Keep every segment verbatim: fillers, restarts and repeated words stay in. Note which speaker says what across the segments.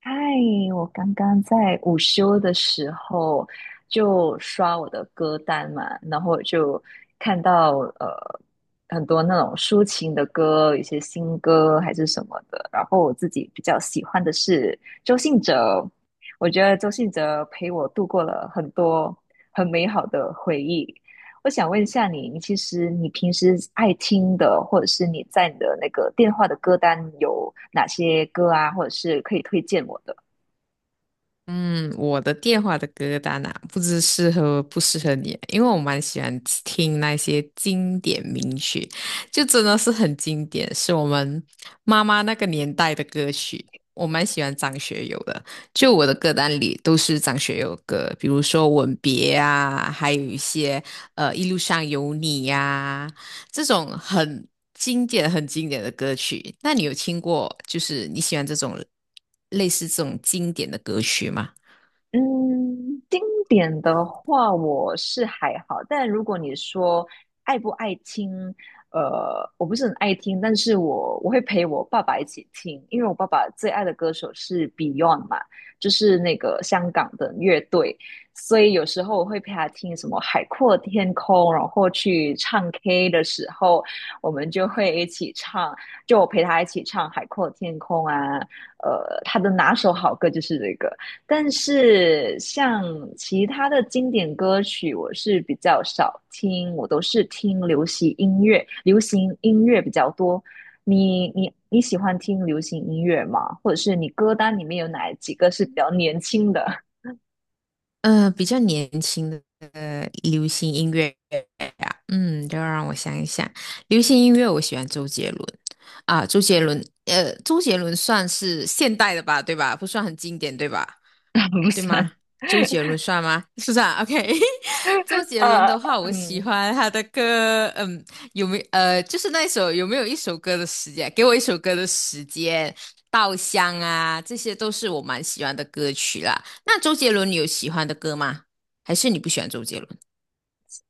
Speaker 1: 嗨，我刚刚在午休的时候就刷我的歌单嘛，然后就看到呃很多那种抒情的歌，一些新歌还是什么的。然后我自己比较喜欢的是周信哲，我觉得周信哲陪我度过了很多很美好的回忆。我想问一下你，你其实你平时爱听的，或者是你在你的那个电话的歌单有哪些歌啊，或者是可以推荐我的？
Speaker 2: 嗯，我的电话的歌单啊，不知适合不适合你啊，因为我蛮喜欢听那些经典名曲，就真的是很经典，是我们妈妈那个年代的歌曲。我蛮喜欢张学友的，就我的歌单里都是张学友的歌，比如说《吻别》啊，还有一些呃《一路上有你》呀、这种很经典、很经典的歌曲，那你有听过？就是你喜欢这种类似这种经典的歌曲吗？
Speaker 1: 嗯，经典的话我是还好，但如果你说爱不爱听，呃，我不是很爱听，但是我我会陪我爸爸一起听，因为我爸爸最爱的歌手是 Beyond 嘛，就是那个香港的乐队，所以有时候我会陪他听什么《海阔天空》，然后去唱 K 的时候，我们就会一起唱，就我陪他一起唱《海阔天空》啊，呃，他的拿手好歌就是这个。但是像其他的经典歌曲，我是比较少听，我都是听流行音乐，流行音乐比较多。你你你喜欢听流行音乐吗？或者是你歌单里面有哪几个是比较年轻的？
Speaker 2: 嗯、比较年轻的呃流行音乐呀，嗯，就让我想一想，流行音乐我喜欢周杰伦啊，周杰伦，呃，周杰伦算是现代的吧，对吧？不算很经典，对吧？
Speaker 1: 不
Speaker 2: 对吗？
Speaker 1: 算。
Speaker 2: 周杰伦算吗？是不是啊？OK，周 杰伦
Speaker 1: 呃，
Speaker 2: 的话，我喜
Speaker 1: 嗯，
Speaker 2: 欢他的歌，嗯，有没呃，就是那一首有没有一首歌的时间？给我一首歌的时间，《稻香》啊，这些都是我蛮喜欢的歌曲啦。那周杰伦，你有喜欢的歌吗？还是你不喜欢周杰伦？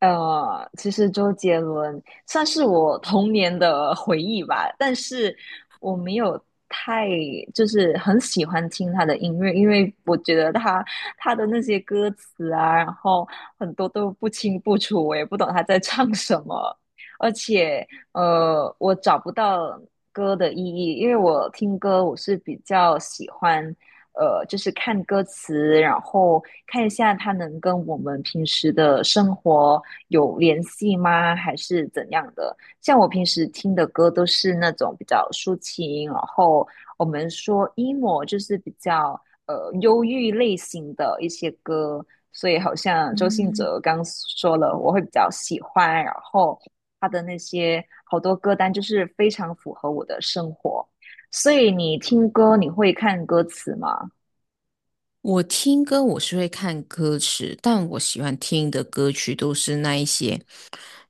Speaker 1: 呃，其实周杰伦算是我童年的回忆吧，但是我没有太就是很喜欢听他的音乐，因为我觉得他他的那些歌词啊，然后很多都不清不楚，我也不懂他在唱什么，而且呃，我找不到歌的意义，因为我听歌我是比较喜欢呃，就是看歌词，然后看一下它能跟我们平时的生活有联系吗？还是怎样的？像我平时听的歌都是那种比较抒情，然后我们说 emo 就是比较呃忧郁类型的一些歌，所以好像周信
Speaker 2: 嗯，
Speaker 1: 哲刚说了，我会比较喜欢，然后他的那些好多歌单就是非常符合我的生活。所以你听歌，你会看歌词吗？
Speaker 2: 我听歌我是会看歌词，但我喜欢听的歌曲都是那一些，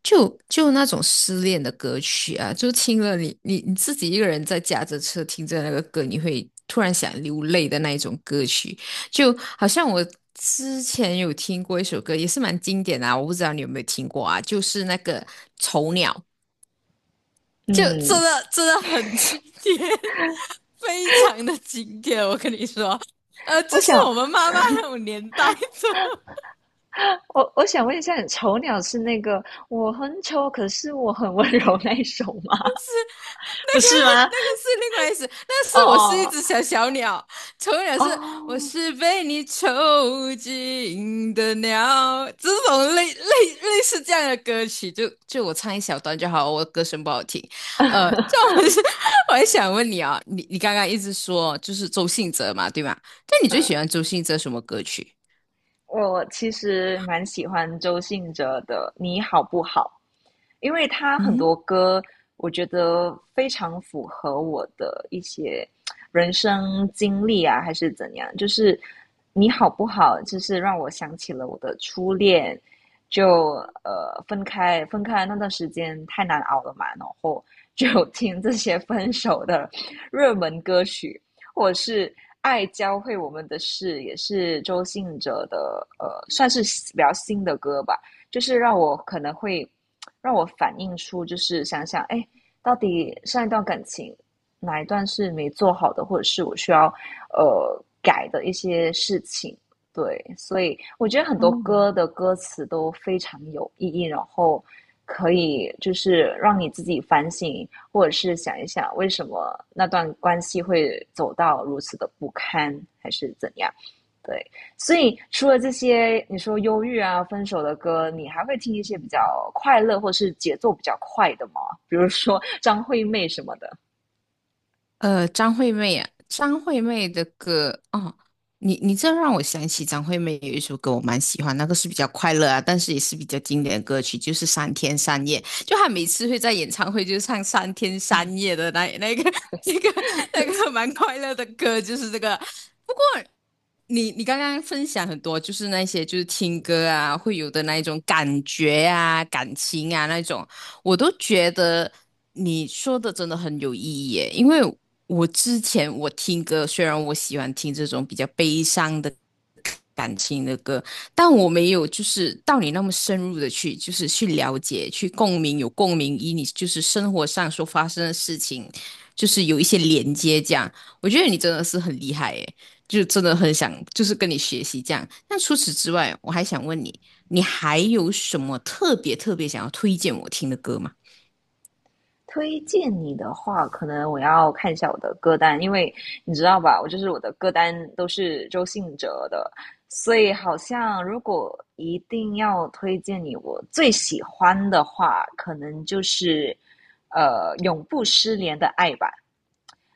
Speaker 2: 就就那种失恋的歌曲啊，就听了你你你自己一个人在驾着车听着那个歌，你会突然想流泪的那一种歌曲，就好像我之前有听过一首歌，也是蛮经典的啊，我不知道你有没有听过啊，就是那个《丑鸟》，就真
Speaker 1: 嗯，
Speaker 2: 的真的很经典，非常的经典，我跟你说，呃，就是
Speaker 1: 我想，
Speaker 2: 我们妈妈那种年代的。
Speaker 1: 我我想问一下，你丑鸟是那个我很丑，可是我很温柔那一首吗？
Speaker 2: 那
Speaker 1: 不
Speaker 2: 个
Speaker 1: 是吗？
Speaker 2: 那个是另外一首，那是
Speaker 1: 哦
Speaker 2: 我是一
Speaker 1: 哦
Speaker 2: 只小小鸟，丑鸟
Speaker 1: 哦，
Speaker 2: 是我是被你囚禁的鸟，这种类类类似这样的歌曲，就就我唱一小段就好，我歌声不好听。呃，这我们是，我还想问你啊，你你刚刚一直说就是周信哲嘛，对吧？那你最喜欢
Speaker 1: 嗯
Speaker 2: 周信哲什么歌曲？
Speaker 1: 我其实蛮喜欢周信哲的《你好不好》，因为他很
Speaker 2: 嗯，
Speaker 1: 多歌，我觉得非常符合我的一些人生经历啊，还是怎样。就是你好不好，就是让我想起了我的初恋，就呃分开分开那段时间太难熬了嘛，然后就听这些分手的热门歌曲，或者是爱教会我们的事，也是周信哲的呃，算是比较新的歌吧，就是让我可能会让我反映出，就是想想，哎，到底上一段感情哪一段是没做好的，或者是我需要呃改的一些事情。对，所以我觉得很多歌的歌词都非常有意义，然后可以就是让你自己反省，或者是想一想为什么那段关系会走到如此的不堪，还是怎样？对，所以除了这些你说忧郁啊、分手的歌，你还会听一些比较快乐或是节奏比较快的吗？比如说张惠妹什么的。
Speaker 2: 呃，张惠妹啊，张惠妹的歌哦，你你这让我想起张惠妹有一首歌我蛮喜欢，那个是比较快乐啊，但是也是比较经典的歌曲，就是《三天三夜》，就她每次会在演唱会就唱《三天三夜》的那那个 那个那个蛮快乐的歌，就是这个你你刚刚分享很多，就是那些就是听歌啊，会有的那一种感觉啊、感情啊那种，我都觉得你说的真的很有意义耶。因为我之前我听歌，虽然我喜欢听这种比较悲伤的感情的歌，但我没有就是到你那么深入的去，就是去了解、去共鸣，有共鸣，以你就是生活上所发生的事情，就是有一些连接这样。我觉得你真的是很厉害耶。就真的很想就是跟你学习这样。那除此之外，我还想问你，你还有什么特别特别想要推荐我听的歌吗？
Speaker 1: 推荐你的话，可能我要看一下我的歌单，因为你知道吧，我就是我的歌单都是周信哲的，所以好像如果一定要推荐你我最喜欢的话，可能就是呃永不失联的爱吧。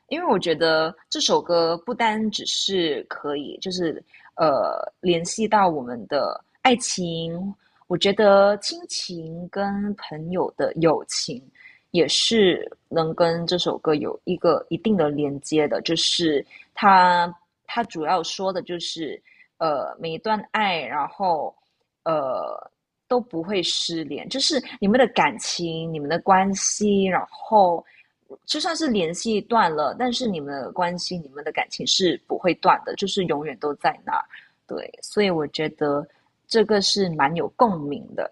Speaker 1: 因为我觉得这首歌不单只是可以，就是呃联系到我们的爱情，我觉得亲情跟朋友的友情也是能跟这首歌有一个一定的连接的，就是它它主要说的就是，呃，每一段爱，然后呃都不会失联，就是你们的感情、你们的关系，然后就算是联系断了，但是你们的关系、你们的感情是不会断的，就是永远都在那儿。对，所以我觉得这个是蛮有共鸣的。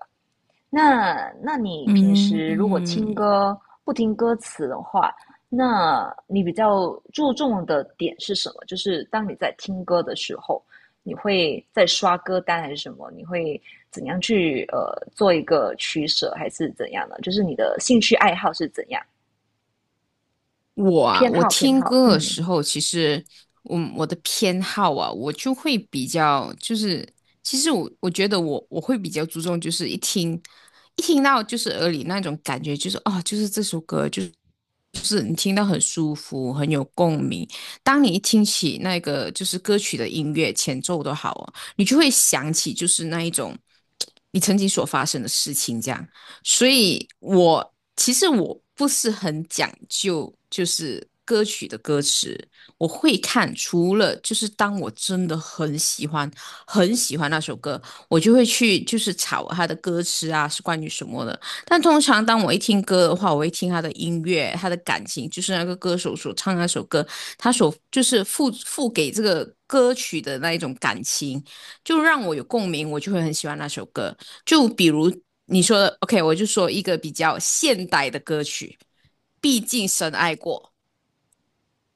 Speaker 1: 那那你平
Speaker 2: 嗯
Speaker 1: 时如果听
Speaker 2: 嗯，
Speaker 1: 歌不听歌词的话，那你比较注重的点是什么？就是当你在听歌的时候，你会在刷歌单还是什么？你会怎样去呃做一个取舍，还是怎样呢？就是你的兴趣爱好是怎样？
Speaker 2: 我啊，
Speaker 1: 偏
Speaker 2: 我
Speaker 1: 好偏
Speaker 2: 听
Speaker 1: 好，
Speaker 2: 歌的
Speaker 1: 嗯，
Speaker 2: 时候，其实我我的偏好啊，我就会比较就是，其实我我觉得我我会比较注重，就是一听一听到就是耳里那种感觉，就是哦，就是这首歌就是。就是你听到很舒服，很有共鸣。当你一听起那个就是歌曲的音乐前奏都好哦，你就会想起就是那一种你曾经所发生的事情，这样。所以我其实我不是很讲究，就是歌曲的歌词，我会看。除了就是当我真的很喜欢、很喜欢那首歌，我就会去就是查它的歌词啊是关于什么的。但通常当我一听歌的话，我会听他的音乐，他的感情，就是那个歌手所唱那首歌，他所就是付付给这个歌曲的那一种感情。就让我有共鸣，我就会很喜欢那首歌。就比如你说的，OK，我就说一个比较现代的歌曲，毕竟深爱过。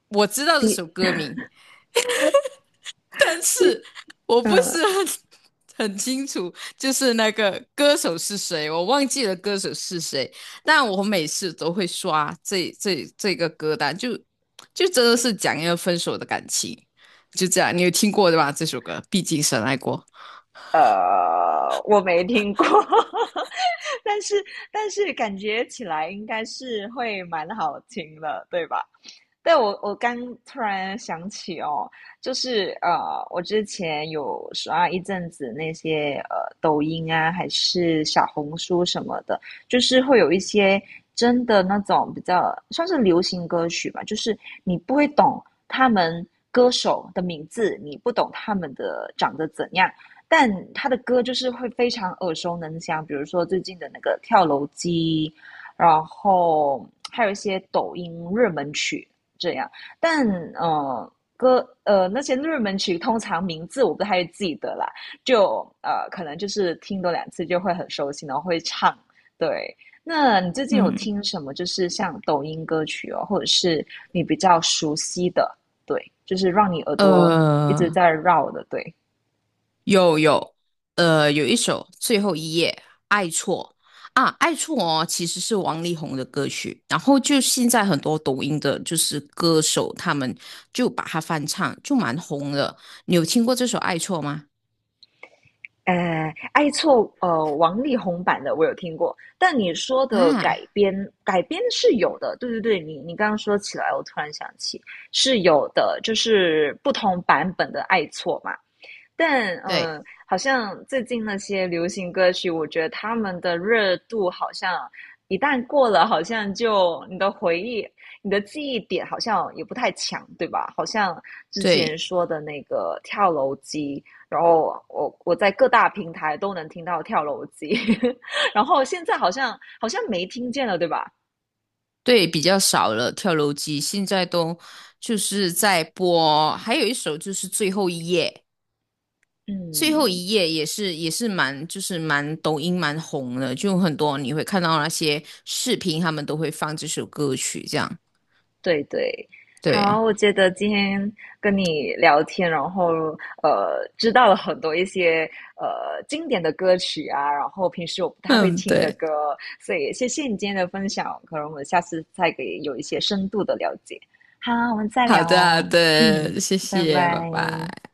Speaker 2: 我知道这
Speaker 1: 比
Speaker 2: 首歌名，但是我不
Speaker 1: 嗯
Speaker 2: 是很很清楚，就是那个歌手是谁，我忘记了歌手是谁。但我每次都会刷这这这个歌单，就就真的是讲一个分手的感情，就这样。你有听过对吧？这首歌，毕竟深爱过。
Speaker 1: 呃，我没听过。但是但是感觉起来应该是会蛮好听的，对吧？但我我刚突然想起哦，就是呃，我之前有刷一阵子那些呃抖音啊，还是小红书什么的，就是会有一些真的那种比较算是流行歌曲吧，就是你不会懂他们歌手的名字，你不懂他们的长得怎样，但他的歌就是会非常耳熟能详，比如说最近的那个跳楼机，然后还有一些抖音热门曲这样。但呃，歌呃那些热门曲通常名字我不太记得啦，就呃可能就是听多两次就会很熟悉，然后会唱。对，那你最近有
Speaker 2: 嗯，
Speaker 1: 听什么？就是像抖音歌曲哦，或者是你比较熟悉的，对，就是让你耳朵一直
Speaker 2: 呃，
Speaker 1: 在绕的，对。
Speaker 2: 有有，呃，有一首《最后一页》《爱错》啊，《爱错》哦，其实是王力宏的歌曲。然后就现在很多抖音的，就是歌手他们就把它翻唱，就蛮红的。你有听过这首《爱错》吗？
Speaker 1: 哎，爱错呃，王力宏版的我有听过，但你说的改
Speaker 2: 啊，
Speaker 1: 编改编是有的，对对对，你你刚刚说起来，我突然想起是有的，就是不同版本的爱错嘛。但嗯，
Speaker 2: 对
Speaker 1: 呃好像最近那些流行歌曲，我觉得他们的热度好像一旦过了，好像就你的回忆、你的记忆点好像也不太强，对吧？好像之前
Speaker 2: 对
Speaker 1: 说的那个跳楼机，然后我我在各大平台都能听到跳楼机，然后现在好像好像没听见了，对吧？
Speaker 2: 对，比较少了。跳楼机现在都就是在播，还有一首就是《最后一页》。最后
Speaker 1: 嗯
Speaker 2: 一页也是也是蛮就是蛮抖音蛮红的，就很多你会看到那些视频，他们都会放这首歌曲，这样
Speaker 1: 对对，好，
Speaker 2: 对。
Speaker 1: 我觉得今天跟你聊天，然后呃，知道了很多一些呃经典的歌曲啊，然后平时我不太会
Speaker 2: 嗯，
Speaker 1: 听的
Speaker 2: 对，
Speaker 1: 歌，所以谢谢你今天的分享，可能我们下次再给有一些深度的了解。好，我们再
Speaker 2: 好
Speaker 1: 聊
Speaker 2: 的，好
Speaker 1: 哦，嗯，
Speaker 2: 的，谢
Speaker 1: 拜
Speaker 2: 谢，拜
Speaker 1: 拜。
Speaker 2: 拜。